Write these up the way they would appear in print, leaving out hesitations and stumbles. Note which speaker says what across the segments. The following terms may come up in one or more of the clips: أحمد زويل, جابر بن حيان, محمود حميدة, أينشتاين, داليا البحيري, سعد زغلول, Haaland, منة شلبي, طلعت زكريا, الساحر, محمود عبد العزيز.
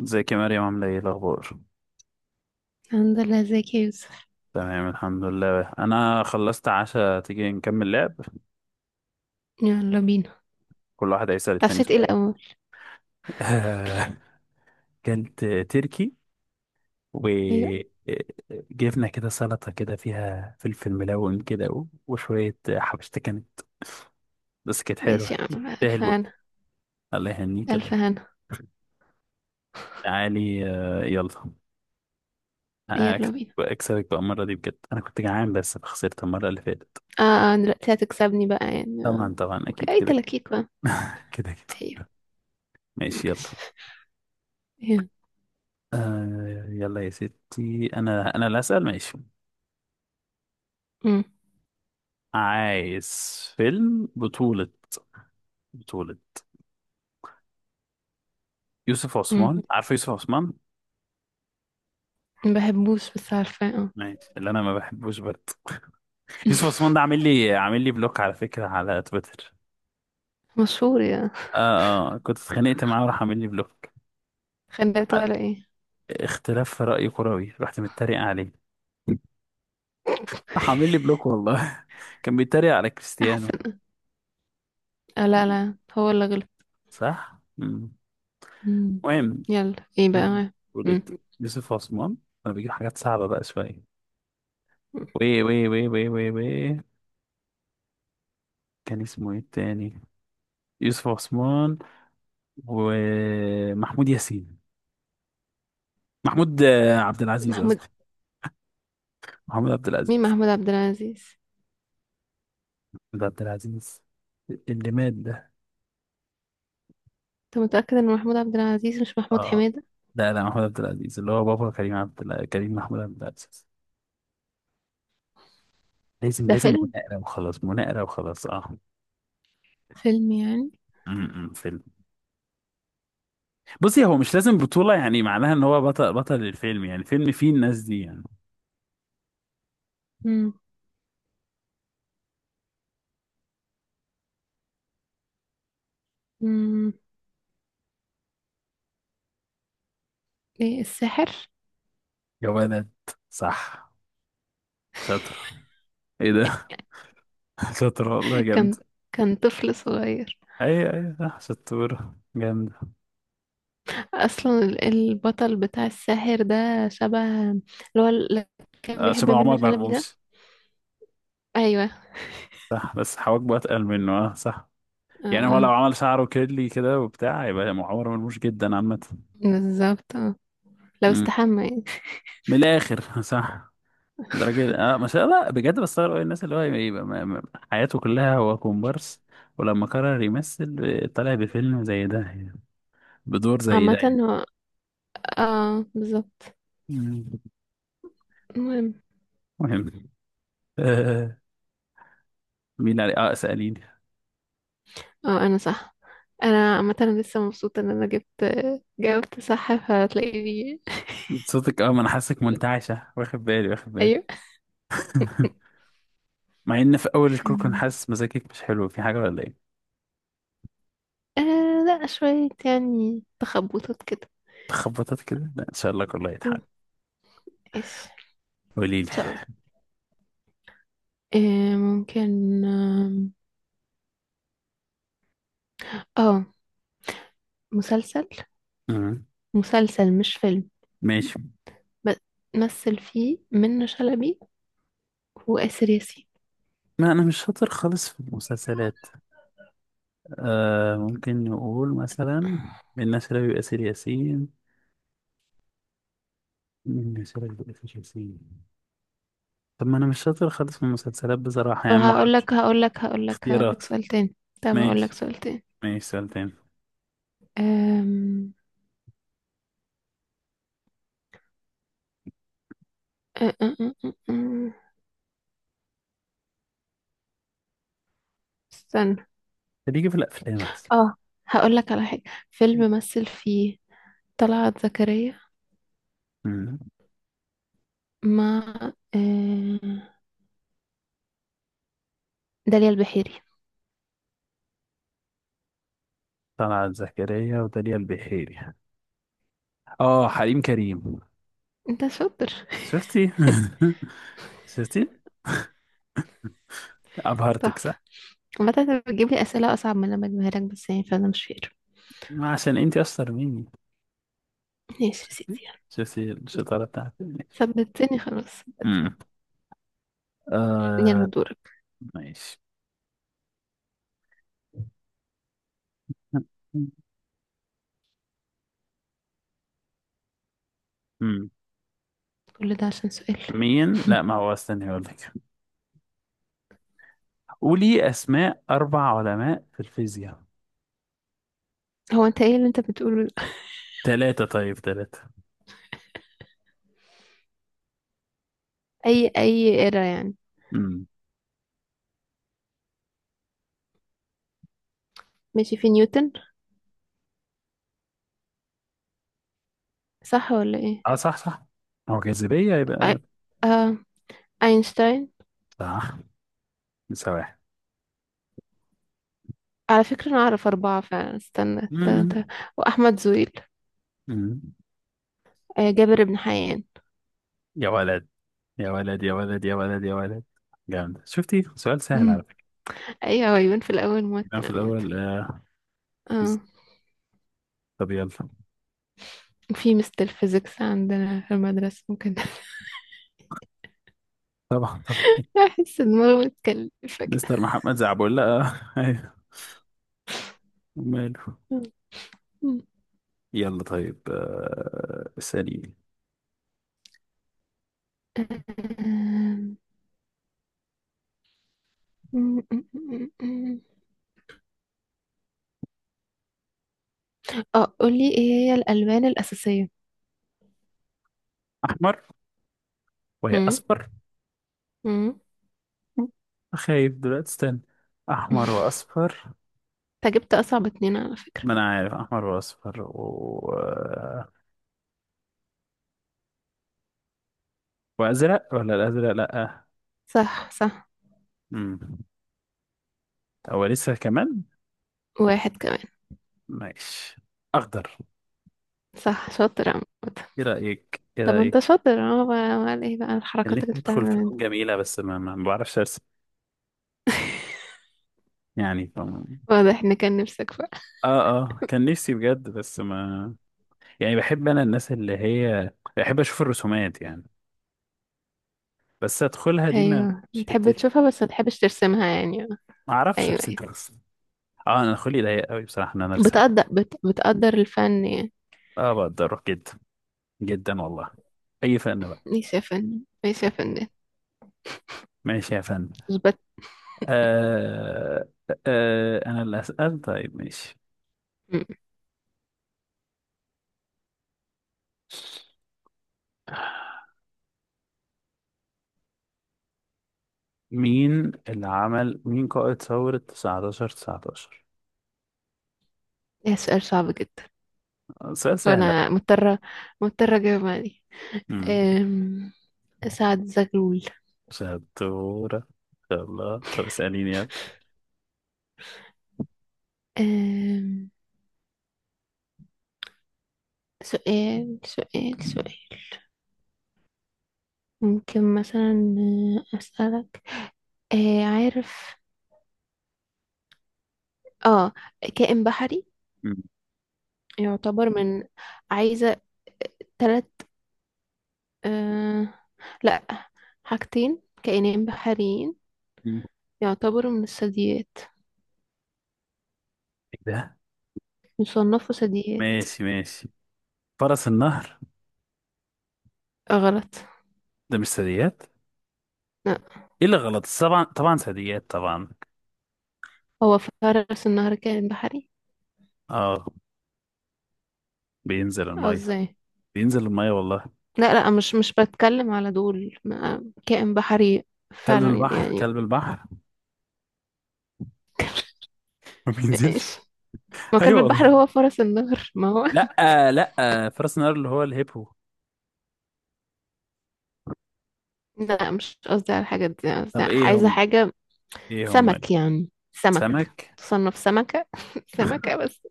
Speaker 1: ازيك يا مريم عاملة ايه إيه الأخبار؟
Speaker 2: الحمد لله، ازيك يا يوسف؟
Speaker 1: تمام، الحمد لله، أنا خلصت عشاء، تيجي نكمل لعب.
Speaker 2: يلا بينا.
Speaker 1: كل واحد هيسأل التاني
Speaker 2: طفشت ايه
Speaker 1: سؤال.
Speaker 2: الأول؟
Speaker 1: كانت تركي،
Speaker 2: أيوة.
Speaker 1: وجبنا كده سلطة كده فيها فلفل ملون كده وشوية حبشتة كانت، بس كانت
Speaker 2: ماشي يا
Speaker 1: حلوة
Speaker 2: عم،
Speaker 1: تستاهل
Speaker 2: ألف
Speaker 1: بقى.
Speaker 2: هنا،
Speaker 1: الله يهنيك
Speaker 2: ألف
Speaker 1: الله.
Speaker 2: هنا.
Speaker 1: تعالي آه، يلا.
Speaker 2: يلا بينا.
Speaker 1: أكسبك بقى المرة دي بجد، أنا كنت جعان بس خسرت المرة اللي فاتت.
Speaker 2: اه دلوقتي هتكسبني بقى يعني آه.
Speaker 1: طبعا طبعا
Speaker 2: اوكي،
Speaker 1: أكيد
Speaker 2: أي
Speaker 1: كده.
Speaker 2: تلاكيك بقى؟
Speaker 1: كده كده.
Speaker 2: أيوة.
Speaker 1: ماشي يلا.
Speaker 2: ماشي. يلا.
Speaker 1: آه يلا يا ستي، انا اللي هسأل، ماشي.
Speaker 2: أمم،
Speaker 1: عايز فيلم بطولة، بطولة يوسف
Speaker 2: أمم.
Speaker 1: عثمان، عارف يوسف عثمان؟
Speaker 2: ما بحبوش بس عارفة، اه.
Speaker 1: ماشي، اللي انا ما بحبوش برضه. يوسف عثمان ده عامل لي بلوك على فكرة، على تويتر.
Speaker 2: مشهور يا؟
Speaker 1: اه اه كنت اتخانقت معاه وراح عامل لي بلوك.
Speaker 2: خليته
Speaker 1: ع-
Speaker 2: ولا ايه؟
Speaker 1: اختلاف في رأي كروي، رحت متريق عليه، راح عامل لي بلوك والله. كان بيتريق على كريستيانو.
Speaker 2: أحسن. آه، لا لا، هو اللي غلط.
Speaker 1: صح.
Speaker 2: أمم.
Speaker 1: مهم،
Speaker 2: يلا ايه
Speaker 1: فيلم
Speaker 2: بقى؟
Speaker 1: بطولة
Speaker 2: أمم.
Speaker 1: يوسف عثمان. انا بجيب حاجات صعبة بقى شوية. وي وي وي وي وي وي، كان اسمه ايه التاني؟ يوسف عثمان ومحمود ياسين. محمود آه، عبد العزيز
Speaker 2: محمود.
Speaker 1: قصدي، محمود عبد
Speaker 2: مين
Speaker 1: العزيز.
Speaker 2: محمود عبد العزيز؟
Speaker 1: محمود عبد العزيز اللي مات ده.
Speaker 2: انت متأكد ان محمود عبد العزيز مش محمود
Speaker 1: اه
Speaker 2: حميدة؟
Speaker 1: لا لا، محمود عبد العزيز اللي هو بابا كريم، عبد الع... كريم محمود عبد العزيز. لازم
Speaker 2: ده
Speaker 1: لازم
Speaker 2: فيلم؟
Speaker 1: مناقرة وخلاص، مناقرة وخلاص، اه.
Speaker 2: فيلم يعني.
Speaker 1: امم، فيلم. بصي هو مش لازم بطولة يعني معناها ان هو بطل، بطل الفيلم، يعني الفيلم فيه الناس دي يعني.
Speaker 2: مم. مم. ايه الساحر؟
Speaker 1: جوانات، صح. شاطر، ايه ده؟ شاطر والله جامد.
Speaker 2: كان كان طفل صغير.
Speaker 1: اي اي صح، شطورة جامد.
Speaker 2: اصلا البطل بتاع الساحر ده شبه اللي هو اللي كان
Speaker 1: آه،
Speaker 2: بيحب
Speaker 1: شبه
Speaker 2: منة
Speaker 1: عمر
Speaker 2: شلبي ده.
Speaker 1: مرموش.
Speaker 2: ايوه.
Speaker 1: صح بس حواجبه اتقل منه، اه صح. يعني هو لو
Speaker 2: آه.
Speaker 1: عمل شعره كيرلي كده وبتاع يبقى عمر مرموش جدا عامة.
Speaker 2: بالظبط آه. لو
Speaker 1: مم.
Speaker 2: استحمى يعني.
Speaker 1: من الاخر صح. درجة اه ما شاء الله بجد، بستغرب أوي الناس اللي هو يبقى حياته كلها هو كومبارس، ولما قرر يمثل آه، طلع بفيلم زي ده يعني. بدور زي ده
Speaker 2: عامة
Speaker 1: يعني.
Speaker 2: هو، اه بالظبط.
Speaker 1: مم.
Speaker 2: المهم،
Speaker 1: مهم. آه. مين اللي عليه، اه اسأليني.
Speaker 2: اه انا صح. انا عامة أنا لسه مبسوطة ان انا جبت، جاوبت صح فهتلاقيني.
Speaker 1: صوتك اه، ما انا حاسك منتعشة، واخد بالي.
Speaker 2: ايوه.
Speaker 1: مع ان في اول الكور كنت حاسس مزاجك مش حلو، في حاجة ولا ايه؟
Speaker 2: آه لا، شوية يعني تخبطات كده.
Speaker 1: تخبطت كده، لا ان شاء الله كله هيتحل.
Speaker 2: مم. ايش؟
Speaker 1: قولي لي.
Speaker 2: طيب. آه ممكن، اه. آه، مسلسل،
Speaker 1: مم.
Speaker 2: مسلسل مش فيلم.
Speaker 1: ماشي.
Speaker 2: ب- مثل فيه منة شلبي وآسر ياسين.
Speaker 1: ما انا مش شاطر خالص في المسلسلات. آه ممكن نقول مثلا من ناس لا يؤثر ياسين، من ناس لا يؤثر ياسين. طب ما انا مش شاطر خالص في المسلسلات بصراحة
Speaker 2: طب
Speaker 1: يعني، ما
Speaker 2: هقول
Speaker 1: اعرفش
Speaker 2: لك هقول لك هقول لك هقول لك
Speaker 1: اختيارات.
Speaker 2: سؤال تاني. طب هقول لك
Speaker 1: ماشي،
Speaker 2: سؤال تاني.
Speaker 1: ماشي سؤال تاني.
Speaker 2: أم... أ- أ- أ- أ- أ- استنى.
Speaker 1: اللي يجي في الافلام احسن.
Speaker 2: اه، هقول لك على حاجة. فيلم مثل فيه طلعت زكريا
Speaker 1: مم.
Speaker 2: مع، آه، داليا البحيري.
Speaker 1: طلعت زكريا وداليا البحيري، اه حريم كريم.
Speaker 2: انت شاطر.
Speaker 1: شفتي؟ شفتي، ابهرتك صح.
Speaker 2: تحفة. عامة انت بتجيب لي أسئلة أصعب من اللي أنا بجيبها لك، بس يعني فأنا مش فاكر.
Speaker 1: ما عشان انت اشطر مني.
Speaker 2: ماشي يا سيدي، يلا.
Speaker 1: شفتي الشطاره بتاعتي، ماشي.
Speaker 2: ثبتني خلاص.
Speaker 1: امم،
Speaker 2: يلا
Speaker 1: آه.
Speaker 2: دورك.
Speaker 1: ماشي، امم.
Speaker 2: كل ده عشان سؤال؟
Speaker 1: مين لا ما هو استني اقول لك. قولي اسماء اربع علماء في الفيزياء.
Speaker 2: هو انت ايه اللي انت بتقوله ده؟
Speaker 1: ثلاثه طيب ثلاثه.
Speaker 2: اي اي ايرا يعني.
Speaker 1: امم.
Speaker 2: ماشي، في نيوتن، صح ولا ايه؟
Speaker 1: اه صح صح. هو جاذبيه
Speaker 2: أي...
Speaker 1: يبقى.
Speaker 2: آه... اينشتاين.
Speaker 1: صح، لسه واحد.
Speaker 2: على فكرة انا اعرف اربعة فعلا، استنى
Speaker 1: امم.
Speaker 2: واحمد زويل.
Speaker 1: أمم.
Speaker 2: جابر بن حيان.
Speaker 1: يا ولد يا ولد يا ولد، جامد. شفتي سؤال سهل على فكرة.
Speaker 2: ايوه، هو يبان في الاول
Speaker 1: كان في
Speaker 2: موتر عامة.
Speaker 1: الأول آه.
Speaker 2: اه،
Speaker 1: طب يلا.
Speaker 2: في مستر فيزيكس عندنا في المدرسة ممكن.
Speaker 1: طبعا طبعا.
Speaker 2: احس دماغه متكلفة
Speaker 1: مستر محمد زعبولة، أيوه وماله.
Speaker 2: كده.
Speaker 1: يلا طيب آه، ثاني.
Speaker 2: مم، مم، مم، مم. اه، قولي ايه هي الألوان الأساسية.
Speaker 1: أحمر، وهي
Speaker 2: مم،
Speaker 1: أصفر.
Speaker 2: مم.
Speaker 1: خايف دلوقتي استنى. أحمر وأصفر.
Speaker 2: انت جبت أصعب اتنين على فكرة.
Speaker 1: ما أنا عارف أحمر وأصفر و... وأزرق، ولا الأزرق لأ آه.
Speaker 2: صح صح.
Speaker 1: مم. هو لسه كمان.
Speaker 2: واحد كمان.
Speaker 1: ماشي، أخضر.
Speaker 2: صح، شاطر عامة.
Speaker 1: إيه رأيك إيه
Speaker 2: طب
Speaker 1: رأيك.
Speaker 2: انت شاطر اه بقى، امال ايه بقى
Speaker 1: اللي
Speaker 2: الحركات اللي
Speaker 1: ندخل
Speaker 2: بتعملها دي؟
Speaker 1: فنون جميلة، بس ما بعرفش أرسم، يعني
Speaker 2: واضح ان كان نفسك بقى.
Speaker 1: اه اه كان نفسي بجد بس ما، يعني بحب انا الناس اللي هي، بحب اشوف الرسومات يعني، بس ادخلها دي ما،
Speaker 2: ايوه،
Speaker 1: مش
Speaker 2: بتحب
Speaker 1: حتتي،
Speaker 2: تشوفها بس ما تحبش ترسمها يعني اه.
Speaker 1: ما اعرفش
Speaker 2: ايوه
Speaker 1: ارسم
Speaker 2: ايوه.
Speaker 1: اصلا. اه انا خلقي ضيق قوي بصراحه ان انا ارسم.
Speaker 2: بتقدر بتقدر الفن يعني.
Speaker 1: اه بقدره جدا، جدا والله، اي فن بقى.
Speaker 2: ماشي يا فنان، ماشي يا فنان.
Speaker 1: ماشي يا فن.
Speaker 2: اثبت.
Speaker 1: آه. آه انا اللي اسال، طيب ماشي.
Speaker 2: مم.
Speaker 1: مين اللي عمل، مين قائد ثورة 19
Speaker 2: ده سؤال صعب جدا.
Speaker 1: سؤال سهل
Speaker 2: وانا
Speaker 1: أوي.
Speaker 2: مضطرة، مضطرة اجاوب عليه.
Speaker 1: امم،
Speaker 2: أم، سعد زغلول.
Speaker 1: شطورة ان شاء الله. طب اسأليني يلا.
Speaker 2: أم، سؤال. ممكن مثلا، أسألك، عارف، اه، كائن بحري يعتبر من. عايزة تلت، آه لا، حاجتين كائنين بحريين
Speaker 1: مم.
Speaker 2: يعتبروا من الثدييات،
Speaker 1: إيه ده؟
Speaker 2: يصنفوا ثدييات.
Speaker 1: ماشي، ماشي. فرس النهر.
Speaker 2: آه، غلط.
Speaker 1: ده مش ثدييات؟
Speaker 2: لا،
Speaker 1: ايه اللي غلط، طبعا طبعا ثدييات طبعا.
Speaker 2: هو فرس النهر كائن بحري؟
Speaker 1: اه، بينزل
Speaker 2: اه،
Speaker 1: الميه،
Speaker 2: ازاي؟
Speaker 1: بينزل الميه والله.
Speaker 2: لا لا، مش بتكلم على دول، كائن بحري
Speaker 1: كلب
Speaker 2: فعلا
Speaker 1: البحر،
Speaker 2: يعني.
Speaker 1: كلب البحر. ما بينزلش.
Speaker 2: ايش؟ ما كلب
Speaker 1: ايوه
Speaker 2: البحر
Speaker 1: والله.
Speaker 2: هو فرس النهر، ما هو.
Speaker 1: لا لا، فرس النهر اللي هو الهيبو.
Speaker 2: لا، مش قصدي على الحاجات دي، قصدي
Speaker 1: طب ايه
Speaker 2: عايزة
Speaker 1: هم،
Speaker 2: حاجة
Speaker 1: ايه هم؟
Speaker 2: سمك يعني، سمك
Speaker 1: سمك،
Speaker 2: تصنف سمكة. سمكة بس.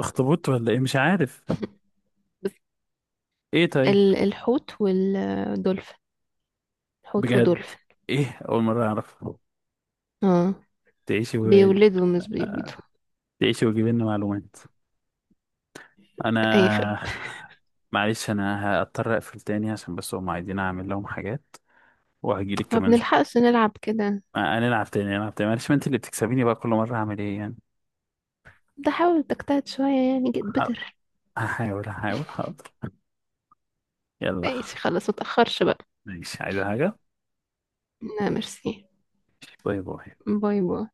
Speaker 1: اخطبوط ولا ايه، مش عارف.
Speaker 2: بس
Speaker 1: ايه طيب؟
Speaker 2: الحوت والدولفين، الحوت
Speaker 1: بجد؟
Speaker 2: ودولفين.
Speaker 1: ايه، اول مره اعرف.
Speaker 2: اه،
Speaker 1: تعيشي و...
Speaker 2: بيولدوا مش بيبيضوا.
Speaker 1: تعيشي وتجيبي لنا معلومات.
Speaker 2: اي، خد.
Speaker 1: انا معلش انا هضطر اقفل تاني، عشان بس هم عايزين اعمل لهم حاجات، وهجيلك
Speaker 2: ما
Speaker 1: كمان شويه.
Speaker 2: بنلحقش نلعب كده.
Speaker 1: آه، هنلعب تاني، هنلعب تاني معلش، ما انت اللي بتكسبيني بقى، كل مره هعمل ايه يعني.
Speaker 2: ده حاول تجتهد شوية يعني، جيت
Speaker 1: حاضر،
Speaker 2: بتر.
Speaker 1: هحاول هحاول حاضر. يلا.
Speaker 2: ماشي خلاص، متأخرش بقى.
Speaker 1: ماشي، عايزة حاجه؟
Speaker 2: لا، ميرسي.
Speaker 1: باي باي.
Speaker 2: باي باي.